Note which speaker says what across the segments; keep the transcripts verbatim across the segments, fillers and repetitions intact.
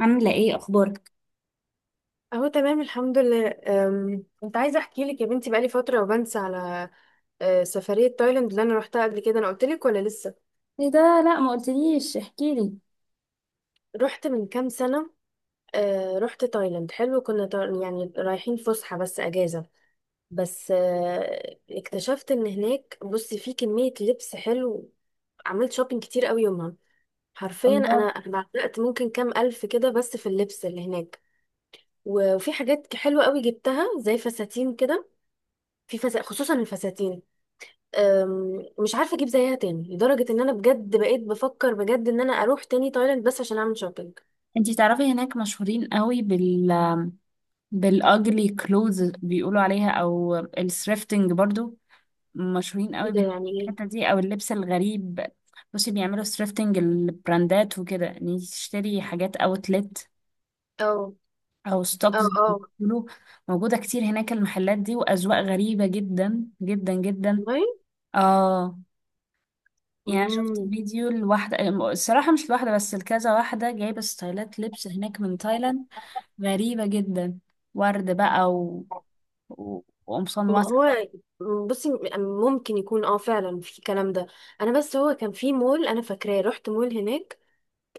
Speaker 1: عاملة ايه اخبارك؟
Speaker 2: اهو تمام الحمد لله، أم، كنت عايزه احكي لك يا بنتي، بقالي فتره وبنسى على أه، سفريه تايلاند اللي انا روحتها قبل كده. انا قلت لك ولا لسه؟
Speaker 1: ايه ده. لا ما قلتليش، احكيلي.
Speaker 2: رحت من كام سنه. أه، رحت تايلاند، حلو. كنا تا- يعني رايحين فسحه، بس اجازه، بس أه، اكتشفت ان هناك، بصي، في كميه لبس حلو. عملت شوبينج كتير قوي يومها. حرفيا
Speaker 1: الله.
Speaker 2: انا بعتقت ممكن كام الف كده بس في اللبس اللي هناك. و- وفي حاجات حلوه قوي جبتها، زي فساتين كده. في فس... خصوصا الفساتين، أم، مش عارفه اجيب زيها تاني، لدرجه ان انا بجد بقيت بفكر بجد ان انا اروح تاني تايلاند بس عشان اعمل شوبينج.
Speaker 1: انتي تعرفي هناك مشهورين قوي بال بالاجلي كلوز بيقولوا عليها او الثريفتنج برضو. مشهورين قوي
Speaker 2: ايه ده يعني ايه؟
Speaker 1: بالحتة دي او اللبس الغريب. بصي بيعملوا ثريفتنج البراندات وكده، ان انتي تشتري حاجات اوتلت
Speaker 2: اه،
Speaker 1: او
Speaker 2: اه،
Speaker 1: ستوكس زي ما
Speaker 2: اه
Speaker 1: بيقولوا. موجودة كتير هناك المحلات دي، واذواق غريبة جدا جدا جدا.
Speaker 2: والله.
Speaker 1: اه. يعني أنا شفت
Speaker 2: مم.
Speaker 1: فيديو لواحدة، الصراحة مش لواحدة بس، لكذا واحدة جايبة ستايلات لبس هناك من تايلاند غريبة جدا. ورد بقى و... و... وقمصان
Speaker 2: ما
Speaker 1: واسعة.
Speaker 2: هو، بصي، ممكن يكون اه فعلا في الكلام ده. انا بس هو كان في مول انا فاكراه، رحت مول هناك،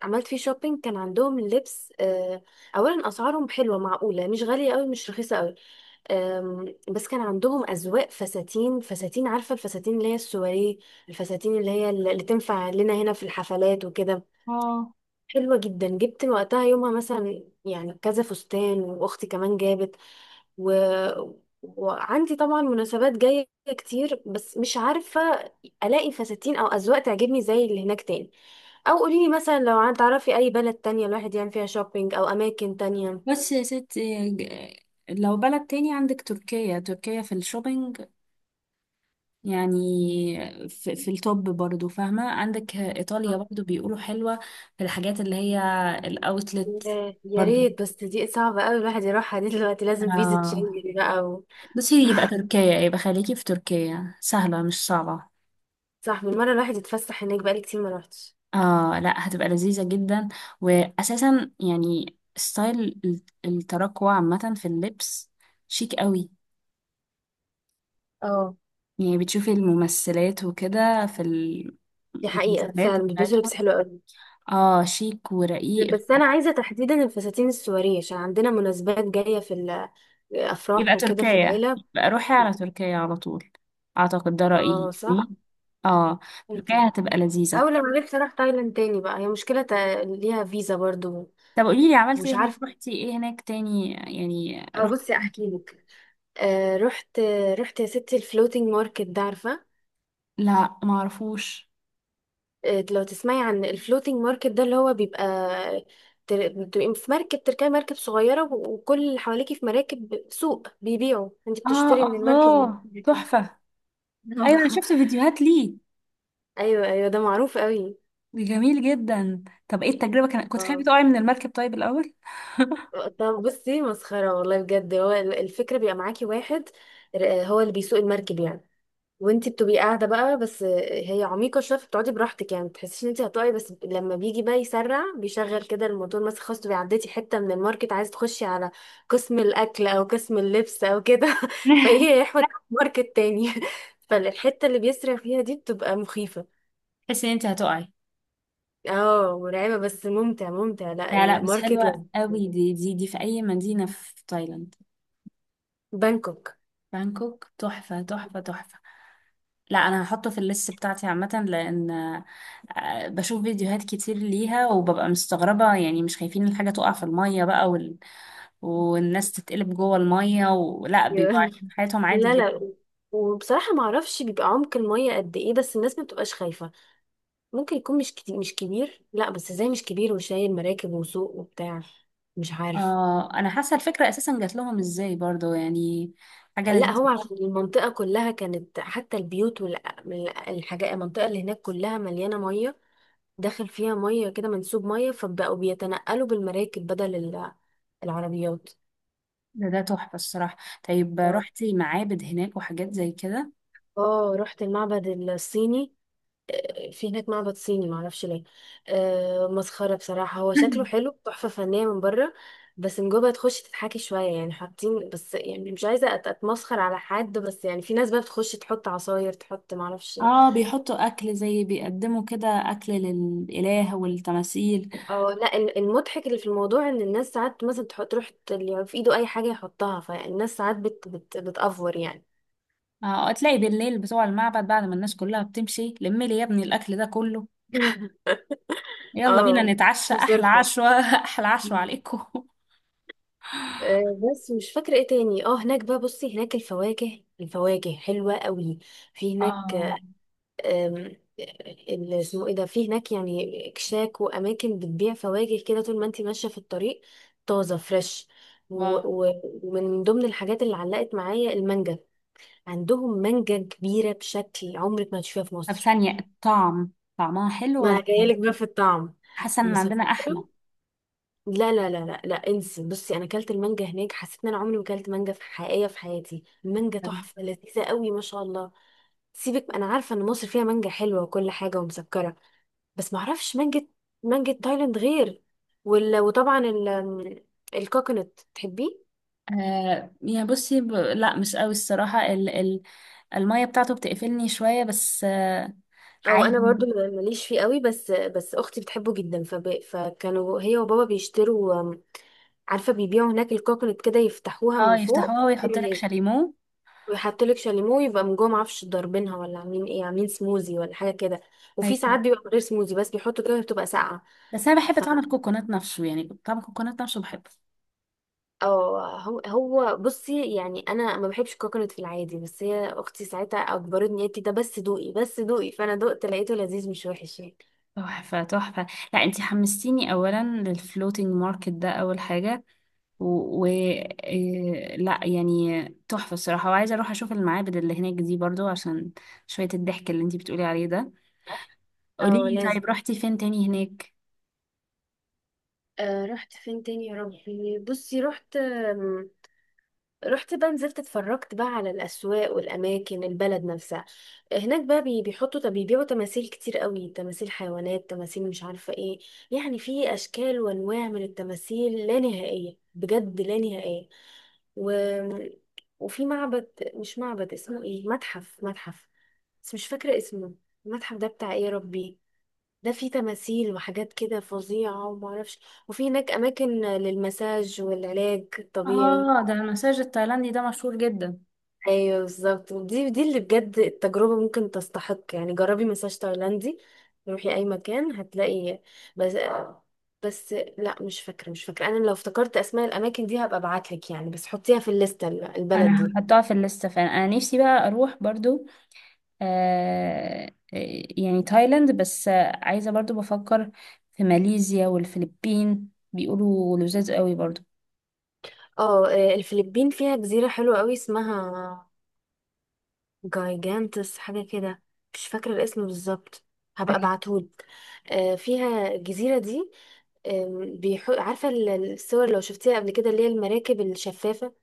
Speaker 2: عملت فيه شوبينج، كان عندهم اللبس. آه، اولا اسعارهم حلوه معقوله، مش غاليه قوي مش رخيصه قوي. أم، بس كان عندهم أذواق فساتين، فساتين عارفة الفساتين اللي هي السواريه؟ الفساتين اللي هي اللي تنفع لنا هنا في الحفلات وكده.
Speaker 1: اه.
Speaker 2: حلوة جدا، جبت وقتها يومها مثلا يعني كذا فستان، وأختي كمان جابت. و... وعندي طبعا مناسبات جاية كتير، بس مش عارفة ألاقي فساتين أو أذواق تعجبني زي اللي هناك تاني. أو قوليلي مثلا، لو عن- تعرفي أي بلد تانية الواحد يعمل فيها شوبينج أو أماكن تانية.
Speaker 1: بس يا ست ج- لو بلد تاني عندك تركيا، تركيا في الشوبينج يعني، في, في التوب برضو فاهمة، عندك إيطاليا برضو بيقولوا حلوة في الحاجات اللي هي الأوتلت.
Speaker 2: يا يا
Speaker 1: برضو
Speaker 2: ريت، بس دي صعبة قوي الواحد يروحها دي دلوقتي، لازم فيزا
Speaker 1: آه.
Speaker 2: شنجن بقى و...
Speaker 1: بصي يبقى تركيا، يبقى خليكي في تركيا، سهلة مش صعبة.
Speaker 2: صح، بالمرة الواحد يتفسح هناك، بقالي كتير ما روحتش.
Speaker 1: اه لا، هتبقى لذيذة جدا. واساسا يعني ستايل ال- التراكوة عامة في اللبس شيك قوي.
Speaker 2: اه.
Speaker 1: يعني بتشوفي الممثلات وكده في
Speaker 2: دي حقيقة
Speaker 1: المسلسلات
Speaker 2: فعلا بيلبسوا
Speaker 1: بتاعتهم.
Speaker 2: لبس حلو قوي.
Speaker 1: اه شيك ورقيق.
Speaker 2: بس أنا عايزة تحديدا الفساتين السواريه عشان عندنا مناسبات جاية في
Speaker 1: يبقى
Speaker 2: الأفراح وكده في
Speaker 1: تركيا،
Speaker 2: العيلة.
Speaker 1: يبقى روحي على تركيا على طول، اعتقد ده رأيي
Speaker 2: اه صح.
Speaker 1: يعني. اه. تركيا
Speaker 2: ممكن.
Speaker 1: هتبقى لذيذة.
Speaker 2: أول لما عرفت أروح تايلاند تاني بقى، هي مشكلة، تا- ليها فيزا برضو.
Speaker 1: طب قوليلي، عملتي
Speaker 2: مش
Speaker 1: ايه هناك؟
Speaker 2: عارفة.
Speaker 1: رحتي ايه هناك تاني؟ يعني
Speaker 2: اه،
Speaker 1: رحتي.
Speaker 2: بصي أحكي لك. آه رحت رحت يا ستي الفلوتينج ماركت ده، عارفة؟
Speaker 1: لا معرفوش.
Speaker 2: آه، لو تسمعي عن الفلوتينج ماركت ده، اللي هو بيبقى، تر- بتبقي في مركب، تركبي مركب صغيرة، و- وكل اللي حواليكي في مراكب سوق بيبيعوا، انت
Speaker 1: اه.
Speaker 2: بتشتري من المركب اللي
Speaker 1: الله تحفة. ايوه انا شفت فيديوهات ليه.
Speaker 2: ايوه ايوه، ده معروف قوي.
Speaker 1: جميل جدا. طب ايه التجربه؟ كان كنت خايفه
Speaker 2: اه.
Speaker 1: تقعي من المركب طيب الاول؟
Speaker 2: طب بصي، مسخرة والله بجد. هو ال- الفكرة بيبقى معاكي واحد، ر- هو اللي بيسوق المركب يعني، وانتي بتبقي قاعده بقى. بس هي عميقه شويه، فبتقعدي براحتك يعني، ما بتحسيش ان انتي هتقعي. بس لما بيجي بقى يسرع، بيشغل كده الموتور مثلا، خلاص تبقي عديتي حته من الماركت، عايزه تخشي على قسم الاكل او قسم اللبس او كده فهي يحوت ماركت تاني فالحته اللي بيسرع فيها دي بتبقى مخيفه.
Speaker 1: تحس ان انت هتقعي.
Speaker 2: اه مرعبه، بس ممتع ممتع. لا
Speaker 1: لا لا، بس
Speaker 2: الماركت
Speaker 1: حلوة
Speaker 2: لذ-
Speaker 1: قوي دي. دي دي في اي مدينة في تايلاند؟
Speaker 2: بانكوك.
Speaker 1: بانكوك؟ تحفة تحفة تحفة. لا انا هحطه في الليست بتاعتي عامة، لان آه، بشوف فيديوهات كتير ليها وببقى مستغربة، يعني مش خايفين الحاجة تقع في المية بقى وال... والناس تتقلب جوه المية، ولا بيبقوا عايشين حياتهم عادي.
Speaker 2: لا لا. وبصراحه ما اعرفش بيبقى عمق الميه قد ايه، بس الناس ما بتبقاش خايفه. ممكن يكون مش كتير، مش كبير. لا بس ازاي مش كبير وشايل مراكب وسوق وبتاع؟ مش عارف.
Speaker 1: اه انا حاسه الفكره اساسا جات لهم ازاي برضو، يعني حاجه
Speaker 2: لا، هو
Speaker 1: لذيذه.
Speaker 2: عشان المنطقة كلها كانت، حتى البيوت والحاجات، المنطقة اللي هناك كلها مليانة مية، داخل فيها مية كده منسوب مية، فبقوا بيتنقلوا بالمراكب بدل ال- العربيات.
Speaker 1: ده, ده تحفه الصراحه. طيب
Speaker 2: اه.
Speaker 1: رحتي معابد هناك وحاجات زي كده؟
Speaker 2: اه رحت المعبد الصيني، في هناك معبد صيني، معرفش ليه. آه مسخرة بصراحة، هو شكله حلو، تحفة فنية من بره، بس من جوه تخش تتحكي شوية يعني، حاطين بس، يعني مش عايزة أت- اتمسخر على حد، بس يعني في ناس بقى بتخش تحط عصاير، تحط معرفش إيه.
Speaker 1: اه بيحطوا اكل، زي بيقدموا كده اكل للاله والتماثيل.
Speaker 2: اه لا، ال- المضحك اللي في الموضوع ان الناس ساعات مثلا تحط، تروح ت- اللي في ايده اي حاجة يحطها. فالناس ساعات بت بت بتأفور يعني.
Speaker 1: اه تلاقي بالليل بتوع المعبد بعد ما الناس كلها بتمشي، لمي لي يا ابني الاكل ده كله، يلا بينا
Speaker 2: اه
Speaker 1: نتعشى احلى
Speaker 2: مصرفة.
Speaker 1: عشوه، احلى عشوه عليكم.
Speaker 2: آه، بس مش فاكرة ايه تاني. اه هناك بقى، بصي، هناك الفواكه، الفواكه حلوة قوي في هناك.
Speaker 1: اه.
Speaker 2: أم، اللي اسمه ايه ده، في هناك يعني اكشاك واماكن بتبيع فواكه كده طول ما انت ماشيه في الطريق، طازه فريش. و-
Speaker 1: واو.
Speaker 2: و- ومن ضمن الحاجات اللي علقت معايا المانجا. عندهم مانجا كبيره بشكل عمرك ما هتشوفيها في
Speaker 1: طب
Speaker 2: مصر.
Speaker 1: ثانيه، الطعم، طعمها حلو
Speaker 2: ما
Speaker 1: ولا؟
Speaker 2: جايلك بقى في الطعم،
Speaker 1: حاسه ان عندنا
Speaker 2: مسكره.
Speaker 1: احلى.
Speaker 2: لا لا لا لا لا انسي، بصي انا اكلت المانجا هناك حسيت ان انا عمري ما اكلت مانجا في حقيقيه في حياتي. المانجا تحفه لذيذه قوي ما شاء الله. سيبك، انا عارفه ان مصر فيها مانجا حلوه وكل حاجه ومسكره، بس ما اعرفش، مانجة مانجة تايلاند غير. وال... وطبعا ال... الكوكونات، تحبيه؟
Speaker 1: آه يعني بصي ب... لا مش قوي الصراحة ال... ال... المية بتاعته بتقفلني شوية بس آه،
Speaker 2: او انا
Speaker 1: عادي.
Speaker 2: برضو ماليش فيه قوي، بس بس اختي بتحبه جدا، فب... فكانوا هي وبابا بيشتروا. عارفه بيبيعوا هناك الكوكونات كده، يفتحوها
Speaker 1: اه
Speaker 2: من فوق
Speaker 1: يفتحوها ويحط لك شاليمو.
Speaker 2: ويحطوا لك شاليمو، يبقى من جوه معرفش ضاربينها ولا عاملين ايه، عاملين سموزي ولا حاجه كده، وفي ساعات
Speaker 1: ايوه.
Speaker 2: بيبقى من غير سموزي، بس بيحطوا كده بتبقى ساقعه.
Speaker 1: بس انا بحب
Speaker 2: ف...
Speaker 1: طعم الكوكونات نفسه، يعني طعم الكوكونات نفسه بحبه.
Speaker 2: اه، هو هو بصي، يعني انا ما بحبش الكوكونات في العادي، بس هي اختي ساعتها اجبرتني، قالت لي ده بس دوقي بس دوقي، فانا دقت لقيته لذيذ، مش وحش يعني.
Speaker 1: تحفة تحفة. لا انتي حمستيني اولا للفلوتينج ماركت ده اول حاجة، و, و... إيه... لا يعني تحفة الصراحة، وعايزة اروح اشوف المعابد اللي هناك دي برضو عشان شوية الضحك اللي انتي بتقولي عليه ده.
Speaker 2: اه
Speaker 1: قوليلي
Speaker 2: لازم.
Speaker 1: طيب رحتي فين تاني هناك؟
Speaker 2: آه، رحت فين تاني يا ربي؟ بصي، رحت آم، رحت بقى، نزلت اتفرجت بقى على الأسواق والأماكن، البلد نفسها. هناك بقى بي- بيحطوا، بيبيعوا تماثيل كتير قوي، تماثيل حيوانات، تماثيل مش عارفة ايه، يعني في أشكال وأنواع من التماثيل لا نهائية بجد، لا نهائية. و... وفي معبد، مش معبد، اسمه ايه، متحف، متحف بس مش فاكرة اسمه. المتحف ده بتاع ايه يا ربي؟ ده فيه تماثيل وحاجات كده فظيعة ومعرفش. وفي هناك أماكن للمساج والعلاج الطبيعي.
Speaker 1: اه ده المساج التايلاندي ده مشهور جدا.
Speaker 2: ايوه بالظبط، ودي دي اللي بجد التجربه ممكن تستحق، يعني جربي مساج تايلاندي، روحي اي مكان هتلاقي. بس بس لا مش فاكره، مش فاكره. انا لو افتكرت اسماء الاماكن دي هبقى ابعتلك يعني، بس حطيها في الليسته، ال- البلد
Speaker 1: انا
Speaker 2: دي.
Speaker 1: هحطها في الليسته فعلا، انا نفسي بقى اروح برضو. آه. آه، يعني تايلاند، بس آه، عايزه برضو بفكر في ماليزيا والفلبين، بيقولوا لذاذ قوي برضو.
Speaker 2: اه. آه، الفلبين فيها جزيره حلوه قوي، اسمها جايجانتس حاجه كده، مش فاكره الاسم بالظبط، هبقى
Speaker 1: ايوه.
Speaker 2: ابعتهولك. آه، فيها الجزيره دي. آم، بيحو... عارفه ال- الصور لو شفتيها قبل كده، اللي هي المراكب الشفافه؟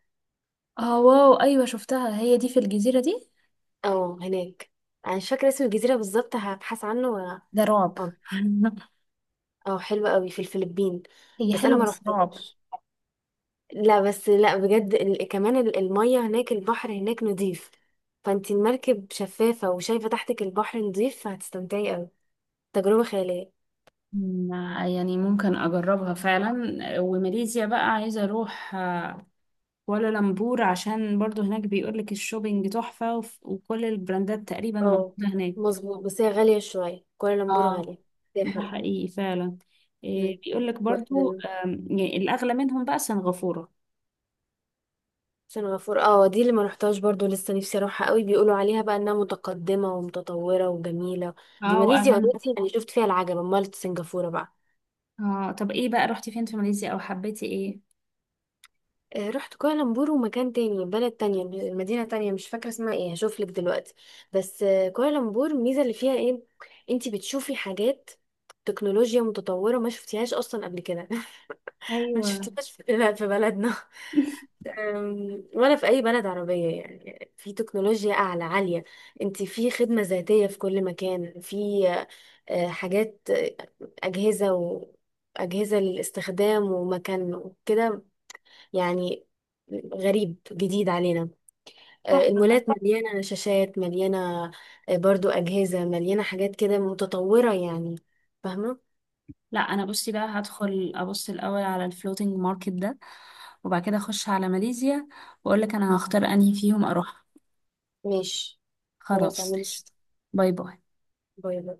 Speaker 1: اه واو ايوه شفتها، هي دي في الجزيره دي؟
Speaker 2: اه هناك. انا مش فاكره اسم الجزيره بالظبط، هبحث عنه و...
Speaker 1: ده رعب.
Speaker 2: اه. اه حلو قوي في الفلبين،
Speaker 1: هي
Speaker 2: بس انا
Speaker 1: حلوه
Speaker 2: ما
Speaker 1: بس رعب.
Speaker 2: رحتش. لا بس لا بجد، ال... كمان ال- الميه هناك، البحر هناك نضيف، فانت المركب شفافه وشايفه تحتك البحر نضيف، فهتستمتعي قوي، تجربه خياليه.
Speaker 1: مم، يعني ممكن اجربها فعلا. وماليزيا بقى عايزه اروح ولا لامبور، عشان برضو هناك بيقولك الشوبينج تحفة، وف- وكل البراندات تقريبا موجودة
Speaker 2: اه
Speaker 1: هناك.
Speaker 2: مظبوط، بس هي غاليه شويه كوالالمبور،
Speaker 1: اه.
Speaker 2: غاليه بس هي
Speaker 1: ده
Speaker 2: حلوه.
Speaker 1: حقيقي فعلا. إيه
Speaker 2: مم.
Speaker 1: بيقولك برضو آم، يعني الأغلى منهم بقى سنغافورة.
Speaker 2: سان غفور، اه دي اللي ما رحتهاش برضو، لسه نفسي اروحها قوي، بيقولوا عليها بقى انها متقدمة ومتطورة وجميلة. دي
Speaker 1: اه
Speaker 2: ماليزيا
Speaker 1: واغاني.
Speaker 2: اوريدي يعني شفت فيها العجب، امال سنغافورة بقى.
Speaker 1: اه طب ايه بقى، رحتي فين في ماليزيا؟ او حبيتي ايه؟
Speaker 2: آه، رحت كوالالمبور، ومكان تاني، بلد تانية مدينة تانية مش فاكرة اسمها ايه، هشوف لك دلوقتي. بس آه، كوالالمبور الميزة اللي فيها ايه، انتي بتشوفي حاجات، تكنولوجيا متطورة ما شفتيهاش اصلا قبل كده، ما
Speaker 1: ايوه.
Speaker 2: شفتهاش في، لا في بلدنا، أم، ولا في اي بلد عربيه يعني. في تكنولوجيا اعلى عاليه، انت في خدمه ذاتيه في كل مكان، في آه، حاجات، آه، اجهزه واجهزه للاستخدام ومكان وكده يعني، غريب جديد علينا. آه،
Speaker 1: تحفه ده.
Speaker 2: المولات مليانه شاشات، مليانه آه، برضو اجهزه، مليانه حاجات كده متطوره يعني، فاهمه؟
Speaker 1: لا انا بصي بقى هدخل ابص الاول على الفلوتينج ماركت ده، وبعد كده اخش على ماليزيا، واقول لك انا هختار انهي فيهم اروح.
Speaker 2: ماشي. خلاص
Speaker 1: خلاص
Speaker 2: اعمل.
Speaker 1: قشطة. باي باي.
Speaker 2: باي باي.